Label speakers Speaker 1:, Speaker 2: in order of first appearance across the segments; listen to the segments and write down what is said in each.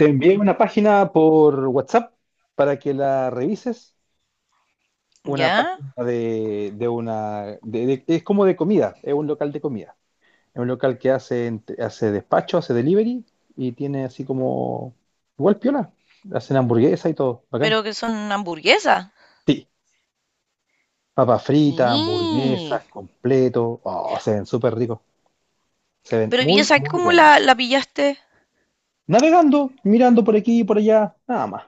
Speaker 1: Te envié una página por WhatsApp para que la revises. Una
Speaker 2: ¿Ya?
Speaker 1: página de una... es como de comida, es un local de comida. Es un local que hace, hace despacho, hace delivery y tiene así como... Igual piola. Hacen hamburguesa y todo, bacán.
Speaker 2: Pero que son hamburguesas.
Speaker 1: Sí, papas fritas,
Speaker 2: Y,
Speaker 1: hamburguesas, completo. Oh, se ven súper ricos. Se ven
Speaker 2: pero ¿y
Speaker 1: muy,
Speaker 2: esa
Speaker 1: muy
Speaker 2: cómo la,
Speaker 1: buenos.
Speaker 2: la pillaste?
Speaker 1: Navegando, mirando por aquí y por allá, nada más.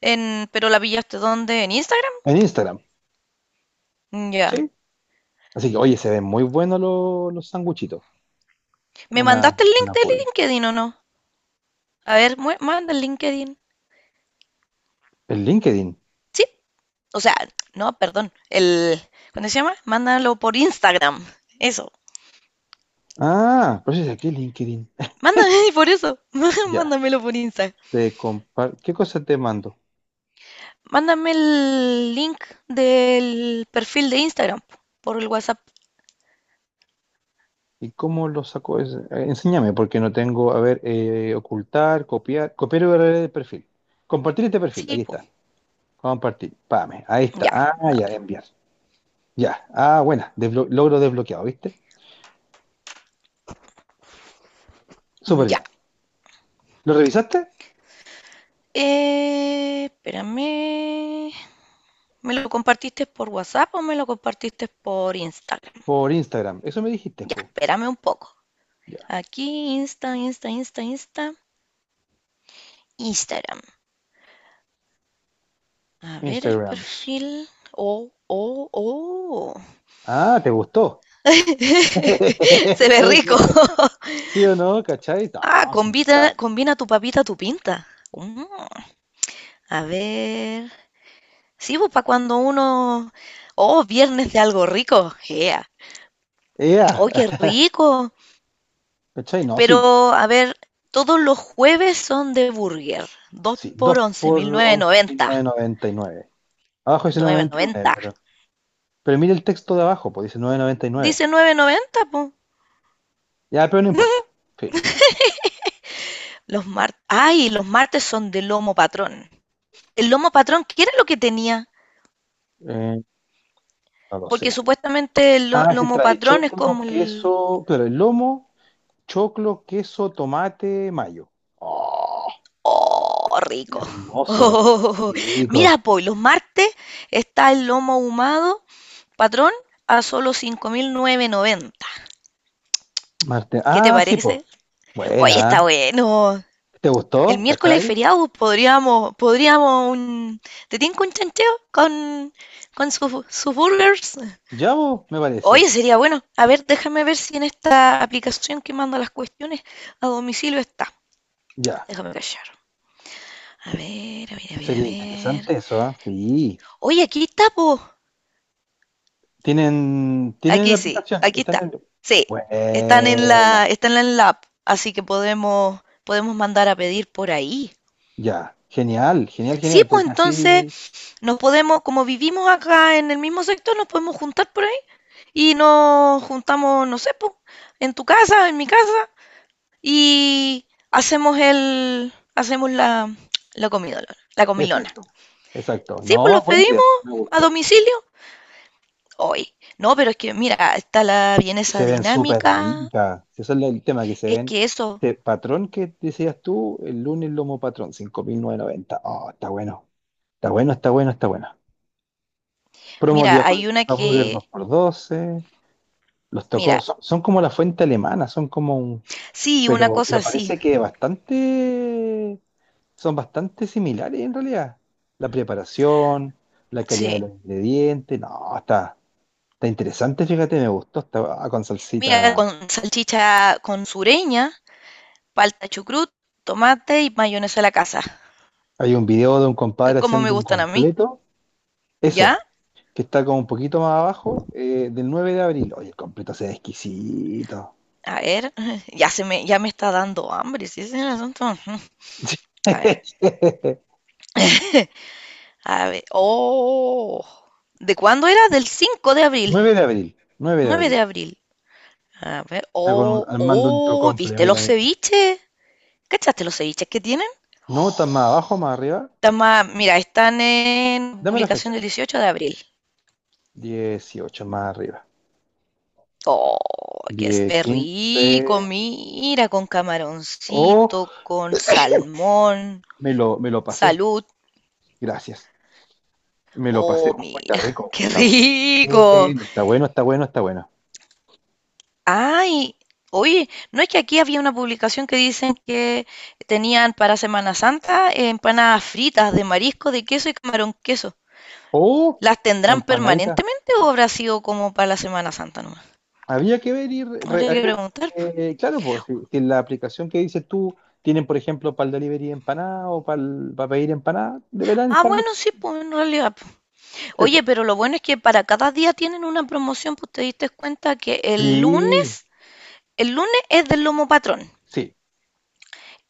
Speaker 2: En, ¿pero la pillaste dónde? ¿En Instagram?
Speaker 1: En Instagram,
Speaker 2: Mm, ya.
Speaker 1: ¿sí? Así que, oye, se ven muy buenos los, sanguchitos.
Speaker 2: ¿Me
Speaker 1: Una,
Speaker 2: mandaste el link
Speaker 1: una
Speaker 2: de
Speaker 1: burger.
Speaker 2: LinkedIn o no? A ver, manda el LinkedIn.
Speaker 1: El LinkedIn.
Speaker 2: Sí. O sea, no, perdón. El, ¿cuándo se llama? Mándalo por Instagram. Eso.
Speaker 1: Ah, pero si es aquí LinkedIn.
Speaker 2: Mándame por eso.
Speaker 1: Ya.
Speaker 2: Mándamelo por Instagram.
Speaker 1: ¿Qué cosa te mando?
Speaker 2: Mándame el link del perfil de Instagram po, por el WhatsApp.
Speaker 1: ¿Y cómo lo saco? Enséñame, porque no tengo. A ver, ocultar, copiar. Copiar URL de perfil. Compartir este perfil.
Speaker 2: Sí,
Speaker 1: Ahí
Speaker 2: po.
Speaker 1: está. Compartir. Pame. Ahí está.
Speaker 2: Ya,
Speaker 1: Ah,
Speaker 2: no
Speaker 1: ya,
Speaker 2: habla.
Speaker 1: enviar. Ya. Ah, buena. Desblo- logro desbloqueado, ¿viste? Súper
Speaker 2: Ya.
Speaker 1: bien. ¿Lo revisaste?
Speaker 2: Espérame. ¿Me lo compartiste por WhatsApp o me lo compartiste por Instagram?
Speaker 1: Por Instagram. Eso me dijiste,
Speaker 2: Ya,
Speaker 1: po.
Speaker 2: espérame un poco.
Speaker 1: Ya.
Speaker 2: Aquí, Insta, Insta, Insta, Insta, Instagram. A ver el
Speaker 1: Instagrams.
Speaker 2: perfil. Oh, oh, oh.
Speaker 1: Ah, ¿te gustó?
Speaker 2: Se ve rico.
Speaker 1: ¿Sí o no? ¿Cachai?
Speaker 2: Ah,
Speaker 1: No, sí
Speaker 2: combina,
Speaker 1: está.
Speaker 2: combina tu papita, tu pinta. Mm, a ver. Sí, pues para cuando uno. Oh, viernes de algo rico. Yeah.
Speaker 1: ¡Ea!
Speaker 2: Oh, qué rico.
Speaker 1: ¿Cachai? No, sí,
Speaker 2: Pero, a ver, todos los jueves son de burger. Dos
Speaker 1: sí. 2
Speaker 2: por once
Speaker 1: por
Speaker 2: mil novecientos
Speaker 1: once mil novecientos
Speaker 2: noventa,
Speaker 1: noventa y nueve. Abajo dice
Speaker 2: 1990.
Speaker 1: 999,
Speaker 2: Noventa,
Speaker 1: pero mire el texto de abajo, pues dice 999.
Speaker 2: dice nueve noventa, po.
Speaker 1: Ya, pero no importa. Filo.
Speaker 2: Los martes. Ay, los martes son de lomo patrón. El lomo patrón, ¿qué era lo que tenía?
Speaker 1: Eh, no lo
Speaker 2: Porque
Speaker 1: sé.
Speaker 2: supuestamente el
Speaker 1: Ah, sí,
Speaker 2: lomo
Speaker 1: trae
Speaker 2: patrón es
Speaker 1: choclo,
Speaker 2: como el.
Speaker 1: queso, claro, el lomo, choclo, queso, tomate, mayo. ¡Oh!
Speaker 2: ¡Oh, rico!
Speaker 1: Hermoso,
Speaker 2: Oh,
Speaker 1: rico.
Speaker 2: mira, po, y los martes está el lomo ahumado patrón a solo 5.990.
Speaker 1: Marte.
Speaker 2: ¿Qué te
Speaker 1: Ah, sí,
Speaker 2: parece?
Speaker 1: po.
Speaker 2: Oye,
Speaker 1: Buena. ¿Eh?
Speaker 2: está bueno.
Speaker 1: ¿Te
Speaker 2: El
Speaker 1: gustó?
Speaker 2: miércoles
Speaker 1: ¿Cachai?
Speaker 2: feriado, podríamos un. ¿Te tinca un chancheo con sus, sus burgers?
Speaker 1: Ya, po, me parece.
Speaker 2: Oye, sería bueno. A ver, déjame ver si en esta aplicación que manda las cuestiones a domicilio está.
Speaker 1: Ya.
Speaker 2: Déjame callar. A ver, a ver, a ver, a
Speaker 1: Sería
Speaker 2: ver.
Speaker 1: interesante eso, ¿ah? Sí.
Speaker 2: Oye, aquí está, po.
Speaker 1: Tienen la
Speaker 2: Aquí sí,
Speaker 1: aplicación,
Speaker 2: aquí
Speaker 1: están
Speaker 2: está.
Speaker 1: en el...
Speaker 2: Sí, están en
Speaker 1: Buena,
Speaker 2: la app, así que podemos, podemos mandar a pedir por ahí.
Speaker 1: ya. Genial, genial,
Speaker 2: Sí,
Speaker 1: genial,
Speaker 2: pues
Speaker 1: porque
Speaker 2: entonces
Speaker 1: así...
Speaker 2: nos podemos, como vivimos acá en el mismo sector, nos podemos juntar por ahí y nos juntamos, no sé, po, en tu casa, en mi casa y hacemos el, hacemos la, la comidolona, la comilona.
Speaker 1: Exacto, exacto.
Speaker 2: Sí, pues
Speaker 1: No,
Speaker 2: los
Speaker 1: buena
Speaker 2: pedimos
Speaker 1: idea, me
Speaker 2: a
Speaker 1: gustó.
Speaker 2: domicilio hoy. No, pero es que mira, está la
Speaker 1: Y
Speaker 2: vienesa
Speaker 1: se ven súper
Speaker 2: dinámica,
Speaker 1: ricas. Si ese es el tema, que se
Speaker 2: es
Speaker 1: ven...
Speaker 2: que eso,
Speaker 1: Este patrón que decías tú, el lunes lomo patrón, 5.990. Oh, está bueno. Está bueno, está bueno, está bueno. Promo día
Speaker 2: mira,
Speaker 1: jueves,
Speaker 2: hay una
Speaker 1: hamburger
Speaker 2: que,
Speaker 1: 2 por doce. Los tocó,
Speaker 2: mira,
Speaker 1: son como la fuente alemana, son como un
Speaker 2: sí, una
Speaker 1: Pero,
Speaker 2: cosa
Speaker 1: pero
Speaker 2: así,
Speaker 1: parece que bastante, son bastante similares en realidad. La preparación, la calidad de
Speaker 2: sí.
Speaker 1: los ingredientes, no, está interesante, fíjate, me gustó, está con
Speaker 2: Mira,
Speaker 1: salsita.
Speaker 2: con salchicha con sureña, falta chucrut, tomate y mayonesa a la casa.
Speaker 1: Hay un video de un
Speaker 2: Es
Speaker 1: compadre
Speaker 2: como me
Speaker 1: haciendo un
Speaker 2: gustan a mí.
Speaker 1: completo,
Speaker 2: ¿Ya?
Speaker 1: eso, que está como un poquito más abajo, del 9 de abril. Oye, el completo se ve exquisito.
Speaker 2: A ver, ya se me, ya me está dando hambre, si ese es el asunto. Ujú. A ver, a ver. Oh. ¿De cuándo era? Del 5 de abril.
Speaker 1: 9 de abril, nueve de
Speaker 2: 9 de
Speaker 1: abril.
Speaker 2: abril. A ver.
Speaker 1: Está
Speaker 2: Oh,
Speaker 1: armando un
Speaker 2: oh,
Speaker 1: tocomple,
Speaker 2: ¿viste
Speaker 1: mira,
Speaker 2: los
Speaker 1: mira.
Speaker 2: ceviches? ¿Cachaste los ceviches que tienen?
Speaker 1: No, está más abajo, más arriba.
Speaker 2: Están más- mira, están en
Speaker 1: Dame la
Speaker 2: publicación
Speaker 1: fecha.
Speaker 2: del 18 de abril.
Speaker 1: 18 más arriba.
Speaker 2: Oh, qué se
Speaker 1: 10,
Speaker 2: ve
Speaker 1: 15.
Speaker 2: rico, mira, con
Speaker 1: Oh,
Speaker 2: camaroncito, con salmón.
Speaker 1: me lo pasé.
Speaker 2: Salud.
Speaker 1: Gracias. Me lo pasé.
Speaker 2: Oh,
Speaker 1: Oh, está
Speaker 2: mira,
Speaker 1: rico.
Speaker 2: qué
Speaker 1: Está bueno.
Speaker 2: rico.
Speaker 1: Bueno, está bueno, está bueno, está bueno.
Speaker 2: Ay, oye, ¿no es que aquí había una publicación que dicen que tenían para Semana Santa empanadas fritas de marisco, de queso y camarón queso?
Speaker 1: Oh,
Speaker 2: ¿Las tendrán
Speaker 1: empanadita.
Speaker 2: permanentemente o habrá sido como para la Semana Santa nomás?
Speaker 1: Había que ver y
Speaker 2: Habría que preguntar, po.
Speaker 1: claro, pues si la aplicación que dices tú tienen, por ejemplo, para el delivery de empanada o para pedir empanada, deberán
Speaker 2: Ah,
Speaker 1: estar
Speaker 2: bueno, sí, pues en realidad, po.
Speaker 1: disponibles,
Speaker 2: Oye,
Speaker 1: po.
Speaker 2: pero lo bueno es que para cada día tienen una promoción, pues te diste cuenta que
Speaker 1: Sí,
Speaker 2: el lunes es del lomo patrón.
Speaker 1: sí.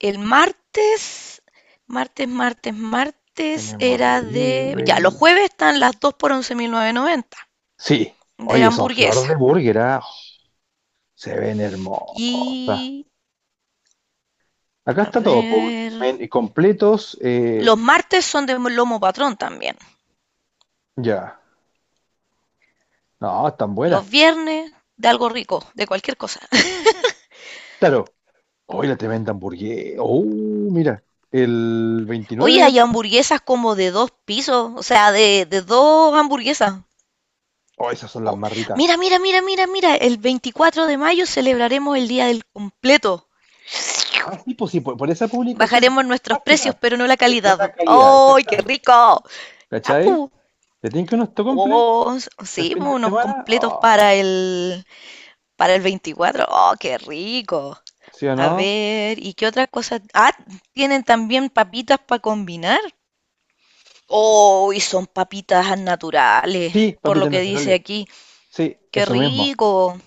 Speaker 2: El martes, martes
Speaker 1: Tenemos
Speaker 2: era de... Ya, los
Speaker 1: delivery.
Speaker 2: jueves están las 2 por 11.990
Speaker 1: Sí.
Speaker 2: de
Speaker 1: Oye, son flor
Speaker 2: hamburguesa.
Speaker 1: de burger, ¿ah? Se ven hermosas.
Speaker 2: Y...
Speaker 1: Acá
Speaker 2: A
Speaker 1: está todo, po,
Speaker 2: ver...
Speaker 1: completos.
Speaker 2: Los martes son de lomo patrón también.
Speaker 1: Ya. No, están buenas.
Speaker 2: Los viernes de algo rico, de cualquier cosa.
Speaker 1: Claro. Hoy la tremenda hamburguesa. Oh, mira. El 29
Speaker 2: Oye,
Speaker 1: de...
Speaker 2: hay hamburguesas como de dos pisos, o sea, de dos hamburguesas.
Speaker 1: Oh, esas son las
Speaker 2: Oh,
Speaker 1: más ricas.
Speaker 2: mira, el 24 de mayo celebraremos el Día del Completo.
Speaker 1: Ah, sí, pues sí, por esa publicación,
Speaker 2: Bajaremos nuestros precios,
Speaker 1: página.
Speaker 2: pero no la
Speaker 1: Pero no la
Speaker 2: calidad.
Speaker 1: calidad,
Speaker 2: ¡Ay, qué
Speaker 1: exactamente.
Speaker 2: rico!
Speaker 1: ¿Cachai?
Speaker 2: Tapu,
Speaker 1: ¿Te tienen que unos tocomple
Speaker 2: oh,
Speaker 1: el
Speaker 2: sí,
Speaker 1: fin de
Speaker 2: unos
Speaker 1: semana?
Speaker 2: completos
Speaker 1: Oh,
Speaker 2: para el 24. ¡Oh, qué rico!
Speaker 1: ¿sí o
Speaker 2: A
Speaker 1: no?
Speaker 2: ver, ¿y qué otra cosa? Ah, tienen también papitas para combinar. ¡Oh, y son papitas naturales!
Speaker 1: Sí,
Speaker 2: Por lo
Speaker 1: papitas
Speaker 2: que dice
Speaker 1: naturales.
Speaker 2: aquí.
Speaker 1: Sí,
Speaker 2: ¡Qué
Speaker 1: eso mismo.
Speaker 2: rico!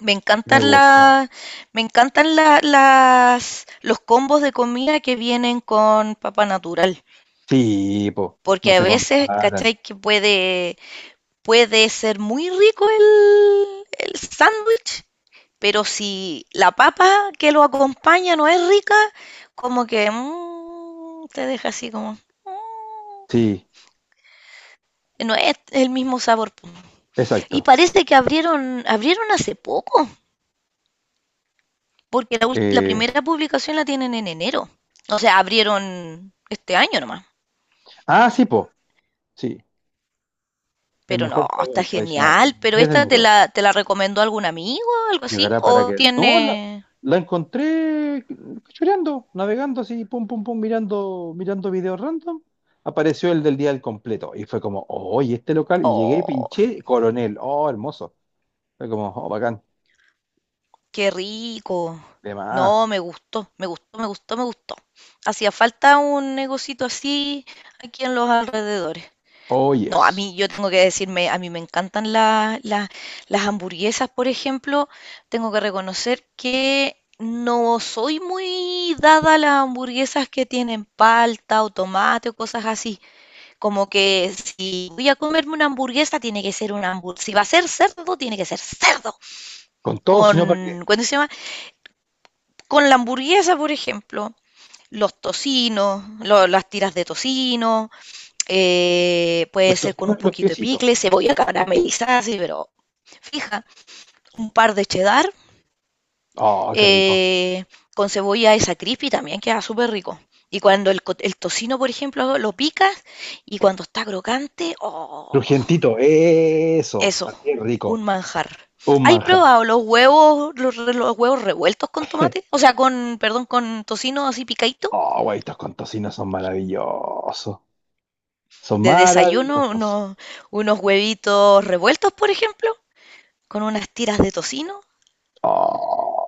Speaker 2: Me
Speaker 1: Me
Speaker 2: encantan
Speaker 1: gustó.
Speaker 2: las, me encantan las, los combos de comida que vienen con papa natural.
Speaker 1: Sí, po. No
Speaker 2: Porque a
Speaker 1: se
Speaker 2: veces,
Speaker 1: comparan.
Speaker 2: ¿cachai? Que puede, puede ser muy rico el sándwich, pero si la papa que lo acompaña no es rica, como que mm, te deja así como... mm,
Speaker 1: Sí.
Speaker 2: no es el mismo sabor. Y
Speaker 1: Exacto.
Speaker 2: parece que abrieron, abrieron hace poco, porque la, la
Speaker 1: Eh,
Speaker 2: primera publicación la tienen en enero. O sea, abrieron este año nomás.
Speaker 1: sí, po. Sí, el
Speaker 2: Pero no,
Speaker 1: mejor
Speaker 2: está
Speaker 1: sabor tradicional. El
Speaker 2: genial. ¿Pero
Speaker 1: 10 de
Speaker 2: esta te
Speaker 1: enero
Speaker 2: la recomendó algún amigo o algo así?
Speaker 1: llegará para
Speaker 2: ¿O
Speaker 1: que. No, la,
Speaker 2: tiene...?
Speaker 1: la encontré cachureando, navegando así, pum, pum, pum, mirando, mirando videos random. Apareció el del día del completo y fue como, oh, oye, este local. Y llegué y
Speaker 2: Oh,
Speaker 1: pinché Coronel. Oh, hermoso. Fue como, oh, bacán.
Speaker 2: qué rico.
Speaker 1: De más.
Speaker 2: No, me gustó. Hacía falta un negocito así aquí en los alrededores.
Speaker 1: Oh,
Speaker 2: No, a
Speaker 1: yes.
Speaker 2: mí, yo tengo que decirme, a mí me encantan las hamburguesas, por ejemplo. Tengo que reconocer que no soy muy dada a las hamburguesas que tienen palta o tomate o cosas así. Como que si voy a comerme una hamburguesa, tiene que ser una hamburguesa. Si va a ser cerdo, tiene que ser cerdo.
Speaker 1: Con todo, sino para qué.
Speaker 2: Con, ¿cuándo se llama? Con la hamburguesa, por ejemplo. Los tocinos, las tiras de tocino, puede
Speaker 1: Los
Speaker 2: ser con un
Speaker 1: tocinos y los
Speaker 2: poquito de
Speaker 1: piecitos.
Speaker 2: picle, cebolla caramelizada, así, pero fija, un par de cheddar,
Speaker 1: Oh, qué rico.
Speaker 2: eh, con cebolla esa crispy también queda súper rico. Y cuando el, el tocino, por ejemplo, lo picas y cuando está crocante, ¡oh!
Speaker 1: Crujientito, eso.
Speaker 2: Eso,
Speaker 1: Qué rico.
Speaker 2: un manjar.
Speaker 1: Un
Speaker 2: ¿Hay
Speaker 1: manjar.
Speaker 2: probado los huevos, los, los huevos revueltos con tomate? O sea, con, perdón, con tocino así picadito.
Speaker 1: Oh, güey, estos con tocino son maravillosos. Son
Speaker 2: De desayuno,
Speaker 1: maravillosos.
Speaker 2: unos, unos huevitos revueltos, por ejemplo, con unas tiras de tocino,
Speaker 1: Oh,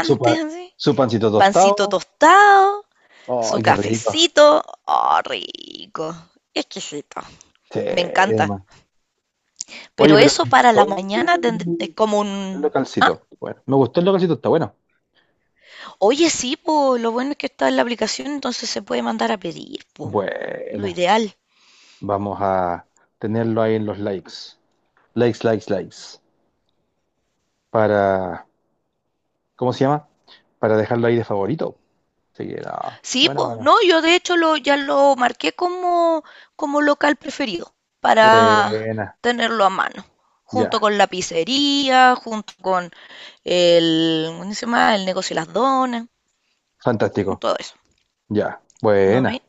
Speaker 1: su, pa-
Speaker 2: así,
Speaker 1: su pancito
Speaker 2: pancito
Speaker 1: tostado.
Speaker 2: tostado,
Speaker 1: Oh,
Speaker 2: su
Speaker 1: qué rico.
Speaker 2: cafecito. ¡Oh, rico! Exquisito.
Speaker 1: Sí,
Speaker 2: Me encanta.
Speaker 1: además. Oye,
Speaker 2: Pero
Speaker 1: pero
Speaker 2: eso para la
Speaker 1: todo
Speaker 2: mañana es
Speaker 1: el
Speaker 2: como
Speaker 1: el
Speaker 2: un,
Speaker 1: localcito. Bueno, me gustó el localcito, está bueno.
Speaker 2: oye, sí, po, lo bueno es que está en la aplicación, entonces se puede mandar a pedir, po, lo
Speaker 1: Buena.
Speaker 2: ideal.
Speaker 1: Vamos a tenerlo ahí en los likes. Likes, likes, likes. Para, ¿cómo se llama? Para dejarlo ahí de favorito. Así que, no.
Speaker 2: Sí,
Speaker 1: Bueno,
Speaker 2: po,
Speaker 1: bueno.
Speaker 2: no, yo de hecho lo, ya lo marqué como, como local preferido para
Speaker 1: Buena.
Speaker 2: tenerlo a mano, junto
Speaker 1: Ya.
Speaker 2: con la pizzería, junto con el, ¿cómo se llama? El negocio de las donas, y
Speaker 1: Fantástico.
Speaker 2: todo eso,
Speaker 1: Ya.
Speaker 2: ¿no
Speaker 1: Buena.
Speaker 2: ve?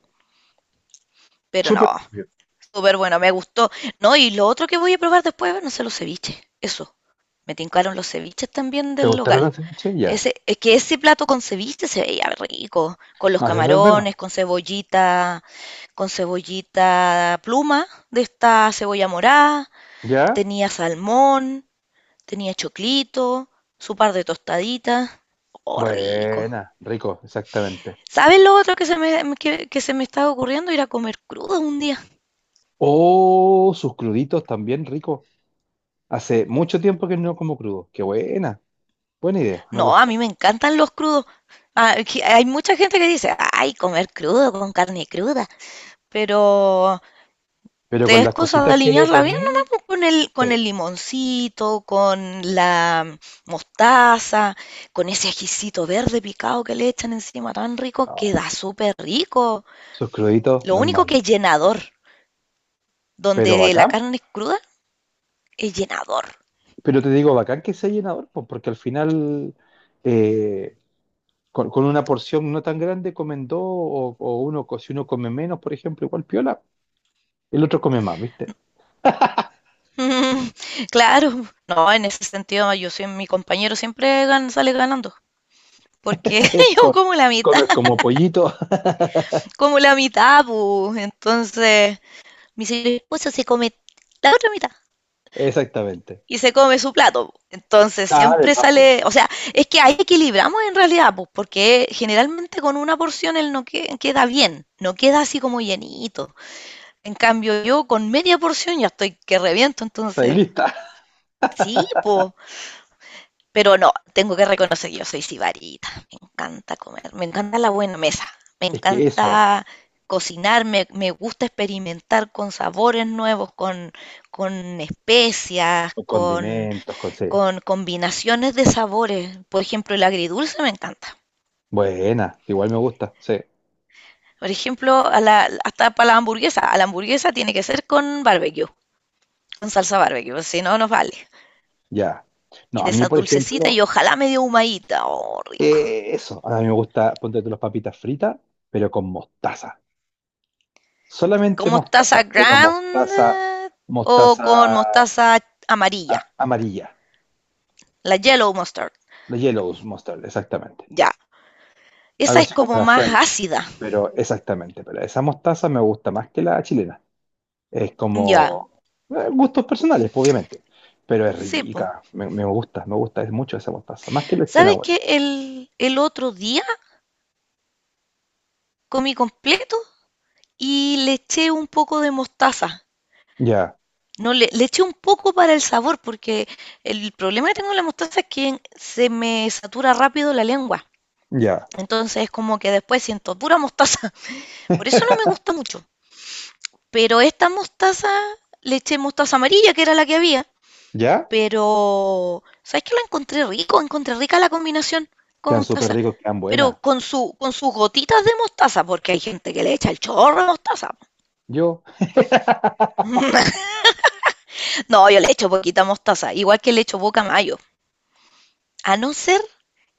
Speaker 2: Pero no,
Speaker 1: Súper bien.
Speaker 2: súper bueno, me gustó. No, y lo otro que voy a probar después, no sé, los ceviches, eso, me tincaron los ceviches también
Speaker 1: ¿Te
Speaker 2: del
Speaker 1: gustaron
Speaker 2: local.
Speaker 1: las ceviches? Ya.
Speaker 2: Ese, es que ese plato con ceviche se veía rico, con los
Speaker 1: No, eso es verdad.
Speaker 2: camarones, con cebollita pluma de esta cebolla morada,
Speaker 1: ¿Ya?
Speaker 2: tenía salmón, tenía choclito, su par de tostaditas. Oh, rico.
Speaker 1: Buena, rico, exactamente.
Speaker 2: ¿Sabes lo otro que se me estaba ocurriendo? Ir a comer crudo un día.
Speaker 1: Oh, sus cruditos también rico. Hace mucho tiempo que no como crudo. Qué buena. Buena idea, me
Speaker 2: No, a
Speaker 1: gustó.
Speaker 2: mí me encantan los crudos. Ah, que hay mucha gente que dice, ay, comer crudo con carne cruda, pero
Speaker 1: Pero
Speaker 2: te
Speaker 1: con
Speaker 2: es
Speaker 1: las
Speaker 2: cosa de
Speaker 1: cositas que le
Speaker 2: aliñarla bien nomás
Speaker 1: poní,
Speaker 2: pues,
Speaker 1: sí.
Speaker 2: con el limoncito, con la mostaza, con ese ajicito verde picado que le echan encima tan rico,
Speaker 1: No,
Speaker 2: queda súper rico.
Speaker 1: sus cruditos
Speaker 2: Lo
Speaker 1: no es
Speaker 2: único
Speaker 1: malo.
Speaker 2: que es llenador,
Speaker 1: Pero
Speaker 2: donde la
Speaker 1: bacán.
Speaker 2: carne es cruda, es llenador.
Speaker 1: Pero te digo, bacán que sea llenador, pues, porque al final eh, con una porción no tan grande comen dos o uno, si uno come menos, por ejemplo, igual piola. El otro come más, ¿viste?
Speaker 2: Mm, claro, no, en ese sentido yo soy, mi compañero siempre sale ganando, porque yo
Speaker 1: Co- Comes como pollito.
Speaker 2: como la mitad, pu. Entonces, mi señor esposo se come la otra mitad.
Speaker 1: Exactamente.
Speaker 2: Y se come su plato, po. Entonces
Speaker 1: Ah,
Speaker 2: siempre
Speaker 1: además, pues,
Speaker 2: sale, o sea, es que ahí equilibramos en realidad, pues, porque generalmente con una porción él no queda bien, no queda así como llenito. En cambio yo con media porción ya estoy que reviento,
Speaker 1: estáis
Speaker 2: entonces
Speaker 1: lista.
Speaker 2: sí, pues, pero no, tengo que reconocer que yo soy sibarita, me encanta comer, me encanta la buena mesa, me
Speaker 1: Es que eso,
Speaker 2: encanta cocinar, me gusta experimentar con sabores nuevos, con especias,
Speaker 1: con condimentos, con sí.
Speaker 2: con combinaciones de sabores. Por ejemplo, el agridulce me encanta.
Speaker 1: Buena, igual me gusta, sí.
Speaker 2: Por ejemplo, a la, hasta para la hamburguesa. A la hamburguesa tiene que ser con barbecue, con salsa barbecue, si no, no vale.
Speaker 1: Ya.
Speaker 2: Y
Speaker 1: No,
Speaker 2: de
Speaker 1: a mí,
Speaker 2: esa
Speaker 1: por
Speaker 2: dulcecita y
Speaker 1: ejemplo,
Speaker 2: ojalá medio humadita. Oh, rico.
Speaker 1: eso. A mí me gusta, ponte tú las papitas fritas, pero con mostaza.
Speaker 2: Con
Speaker 1: Solamente
Speaker 2: mostaza
Speaker 1: mostaza, pero
Speaker 2: ground
Speaker 1: mostaza,
Speaker 2: o
Speaker 1: mostaza
Speaker 2: con mostaza amarilla.
Speaker 1: amarilla.
Speaker 2: La yellow mustard.
Speaker 1: La yellow mustard, exactamente.
Speaker 2: Ya. Esa
Speaker 1: Algo
Speaker 2: es
Speaker 1: así como
Speaker 2: como
Speaker 1: la
Speaker 2: más
Speaker 1: French,
Speaker 2: ácida.
Speaker 1: pero exactamente. Pero esa mostaza me gusta más que la chilena. Es
Speaker 2: Ya.
Speaker 1: como gustos personales, pues, obviamente. Pero es
Speaker 2: Sí, po.
Speaker 1: rica, me gusta, me gusta, es mucho esa mostaza. Más que el extra
Speaker 2: ¿Sabes
Speaker 1: bueno.
Speaker 2: qué? El otro día comí completo y le eché un poco de mostaza.
Speaker 1: Ya,
Speaker 2: No, le eché un poco para el sabor, porque el problema que tengo con la mostaza es que se me satura rápido la lengua.
Speaker 1: ya,
Speaker 2: Entonces es como que después siento pura mostaza. Por eso no me gusta mucho. Pero esta mostaza, le eché mostaza amarilla, que era la que había.
Speaker 1: ya.
Speaker 2: Pero, ¿sabes qué? Lo encontré rico, encontré rica la combinación con
Speaker 1: Quedan súper
Speaker 2: mostaza.
Speaker 1: ricos, quedan
Speaker 2: Pero
Speaker 1: buenas.
Speaker 2: con su, con sus gotitas de mostaza, porque hay gente que le echa el chorro de mostaza.
Speaker 1: Yo,
Speaker 2: No, yo le echo poquita mostaza, igual que le echo poca mayo, a no ser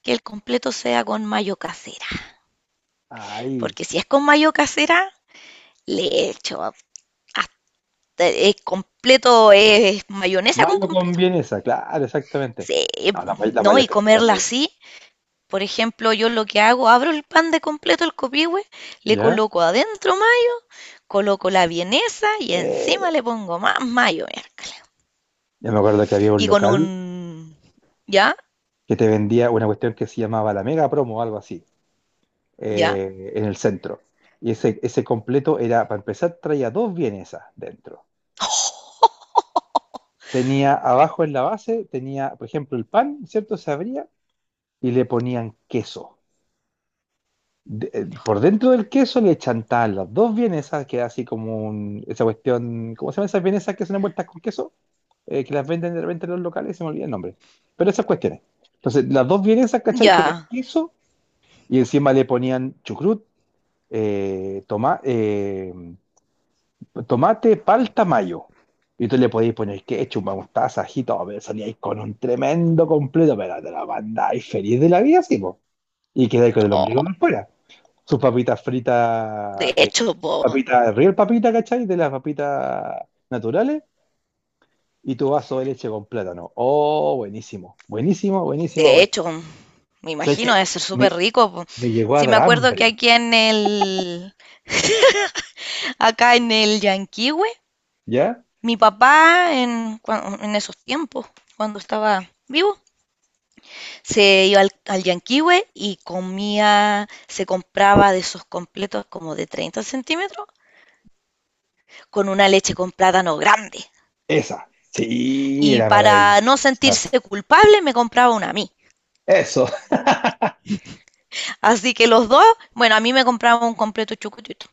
Speaker 2: que el completo sea con mayo casera,
Speaker 1: ay,
Speaker 2: porque si es con mayo casera, le echo hasta el completo, es mayonesa con
Speaker 1: mayo con
Speaker 2: completo.
Speaker 1: vienesa, claro, exactamente.
Speaker 2: Sí,
Speaker 1: No,
Speaker 2: pum.
Speaker 1: la
Speaker 2: No,
Speaker 1: mayo
Speaker 2: y
Speaker 1: cajeta es
Speaker 2: comerla
Speaker 1: muy.
Speaker 2: así, por ejemplo, yo lo que hago, abro el pan de completo, el copihue, le
Speaker 1: ¿Ya?
Speaker 2: coloco adentro mayo, coloco la vienesa y encima
Speaker 1: Eh,
Speaker 2: le pongo más mayo, miércoles.
Speaker 1: ya me acuerdo que había un
Speaker 2: Y con
Speaker 1: local
Speaker 2: un... ¿Ya?
Speaker 1: que te vendía una cuestión que se llamaba la Mega Promo o algo así,
Speaker 2: ¿Ya?
Speaker 1: en el centro. Y ese completo era, para empezar, traía dos vienesas dentro tenía abajo en la base, tenía, por ejemplo, el pan, ¿cierto? Se abría y le ponían queso. Por dentro del queso le chantaban las dos vienesas, que era así como esa cuestión, ¿cómo se llaman esas vienesas que son envueltas con queso? Que las venden de repente en los locales, se me olvida el nombre. Pero esas cuestiones. Entonces, las dos vienesas, ¿cachai? Con el
Speaker 2: Ya.
Speaker 1: queso y encima le ponían chucrut, eh, toma- eh, tomate, palta, mayo. Y tú le podías poner ketchup, mostaza, ají, todo, pero salíais con un tremendo completo, pero te la mandáis feliz de la vida, sí, po. Y quedáis con el
Speaker 2: No,
Speaker 1: ombligo por fuera. Sus papitas
Speaker 2: de
Speaker 1: fritas,
Speaker 2: hecho, po,
Speaker 1: papitas, real papita, ¿cachai? De las papitas naturales. Y tu vaso de leche con plátano. Oh, buenísimo, buenísimo, buenísimo,
Speaker 2: de
Speaker 1: bueno.
Speaker 2: hecho, me
Speaker 1: ¿Sabes
Speaker 2: imagino
Speaker 1: qué?
Speaker 2: debe ser súper
Speaker 1: Me,
Speaker 2: rico, po.
Speaker 1: me llegó a
Speaker 2: Sí, me
Speaker 1: dar
Speaker 2: acuerdo que
Speaker 1: hambre,
Speaker 2: aquí en el, acá en el Llanquihue,
Speaker 1: ¿ya?
Speaker 2: mi papá en, en esos tiempos, cuando estaba vivo, se iba al, al Llanquihue y comía, se compraba de esos completos como de 30 centímetros, con una leche con plátano grande.
Speaker 1: Esa. Sí,
Speaker 2: Y
Speaker 1: era
Speaker 2: para no
Speaker 1: maravillosa.
Speaker 2: sentirse culpable, me compraba una a mí.
Speaker 1: Eso.
Speaker 2: Así que los dos, bueno, a mí me compraba un completo chucutito.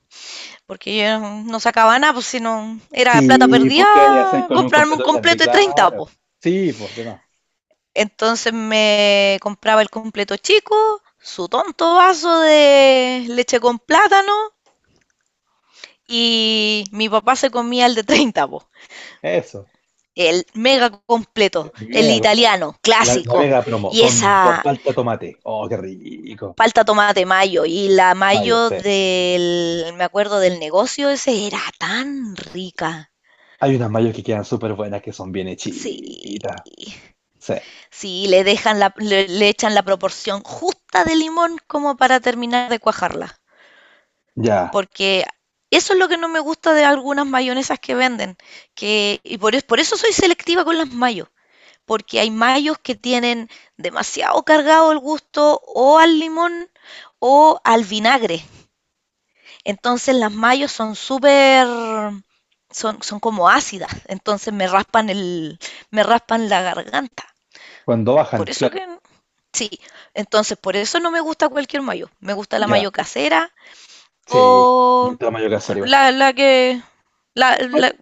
Speaker 2: Porque yo no sacaba nada, pues si no era plata
Speaker 1: Sí,
Speaker 2: perdida,
Speaker 1: pues qué haría hacer con un
Speaker 2: comprarme un
Speaker 1: completo grande,
Speaker 2: completo de 30
Speaker 1: claro.
Speaker 2: pues.
Speaker 1: Sí, pues demás.
Speaker 2: Entonces me compraba el completo chico, su tonto vaso de leche con plátano y mi papá se comía el de 30 po.
Speaker 1: Eso.
Speaker 2: El mega completo,
Speaker 1: El
Speaker 2: el
Speaker 1: Mega,
Speaker 2: italiano,
Speaker 1: la
Speaker 2: clásico.
Speaker 1: mega promo
Speaker 2: Y
Speaker 1: con
Speaker 2: esa
Speaker 1: palta tomate. Oh, qué rico.
Speaker 2: palta tomate mayo y la
Speaker 1: Mayo,
Speaker 2: mayo
Speaker 1: sí.
Speaker 2: del, me acuerdo del negocio, ese era tan rica.
Speaker 1: Hay unas mayos que quedan súper buenas que son bien
Speaker 2: Sí,
Speaker 1: hechitas. Sí.
Speaker 2: sí, le dejan la, le echan la proporción justa de limón como para terminar de cuajarla.
Speaker 1: Ya.
Speaker 2: Porque eso es lo que no me gusta de algunas mayonesas que venden. Que, y por, por eso soy selectiva con las mayos. Porque hay mayos que tienen demasiado cargado el gusto o al limón o al vinagre. Entonces las mayos son súper, son, son como ácidas. Entonces me raspan el, me raspan la garganta.
Speaker 1: Cuando bajan,
Speaker 2: Por eso que
Speaker 1: claro.
Speaker 2: sí, entonces por eso no me gusta cualquier mayo. Me gusta la
Speaker 1: Ya.
Speaker 2: mayo casera
Speaker 1: Sí.
Speaker 2: o
Speaker 1: Otra mayo que hacer igual.
Speaker 2: la que... La,
Speaker 1: May-
Speaker 2: la-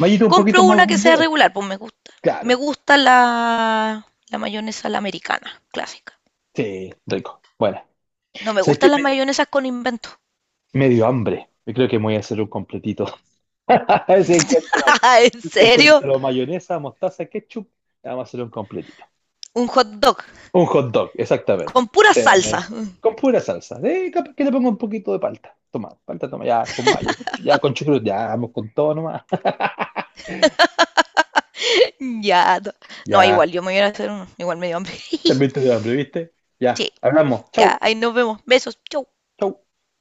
Speaker 1: Mayito un poquito
Speaker 2: compro
Speaker 1: más
Speaker 2: una que sea
Speaker 1: gourmet.
Speaker 2: regular, pues me gusta. Me
Speaker 1: Claro.
Speaker 2: gusta la, la mayonesa la americana, clásica.
Speaker 1: Sí. Rico. Bueno.
Speaker 2: No me
Speaker 1: ¿Sabes qué?
Speaker 2: gustan las
Speaker 1: Me,
Speaker 2: mayonesas con invento.
Speaker 1: me dio hambre. Yo creo que me voy a hacer un completito. Si encuentro,
Speaker 2: ¿En
Speaker 1: si
Speaker 2: serio?
Speaker 1: encuentro mayonesa, mostaza, ketchup, vamos a hacer un completito.
Speaker 2: Un hot dog
Speaker 1: Un hot dog, exactamente.
Speaker 2: con pura
Speaker 1: Eh,
Speaker 2: salsa.
Speaker 1: con pura salsa. Capaz que le pongo un poquito de palta. Toma, palta, toma, ya, con mayo, ya con chucrut, ya, vamos con todo nomás.
Speaker 2: Ya. No, no,
Speaker 1: Ya,
Speaker 2: igual, yo me voy a ir a hacer uno. Igual me dio hambre.
Speaker 1: también te dio hambre, ¿viste? Ya,
Speaker 2: Sí,
Speaker 1: hablamos.
Speaker 2: ya,
Speaker 1: Chau,
Speaker 2: ahí nos vemos. Besos. Chau.
Speaker 1: chau.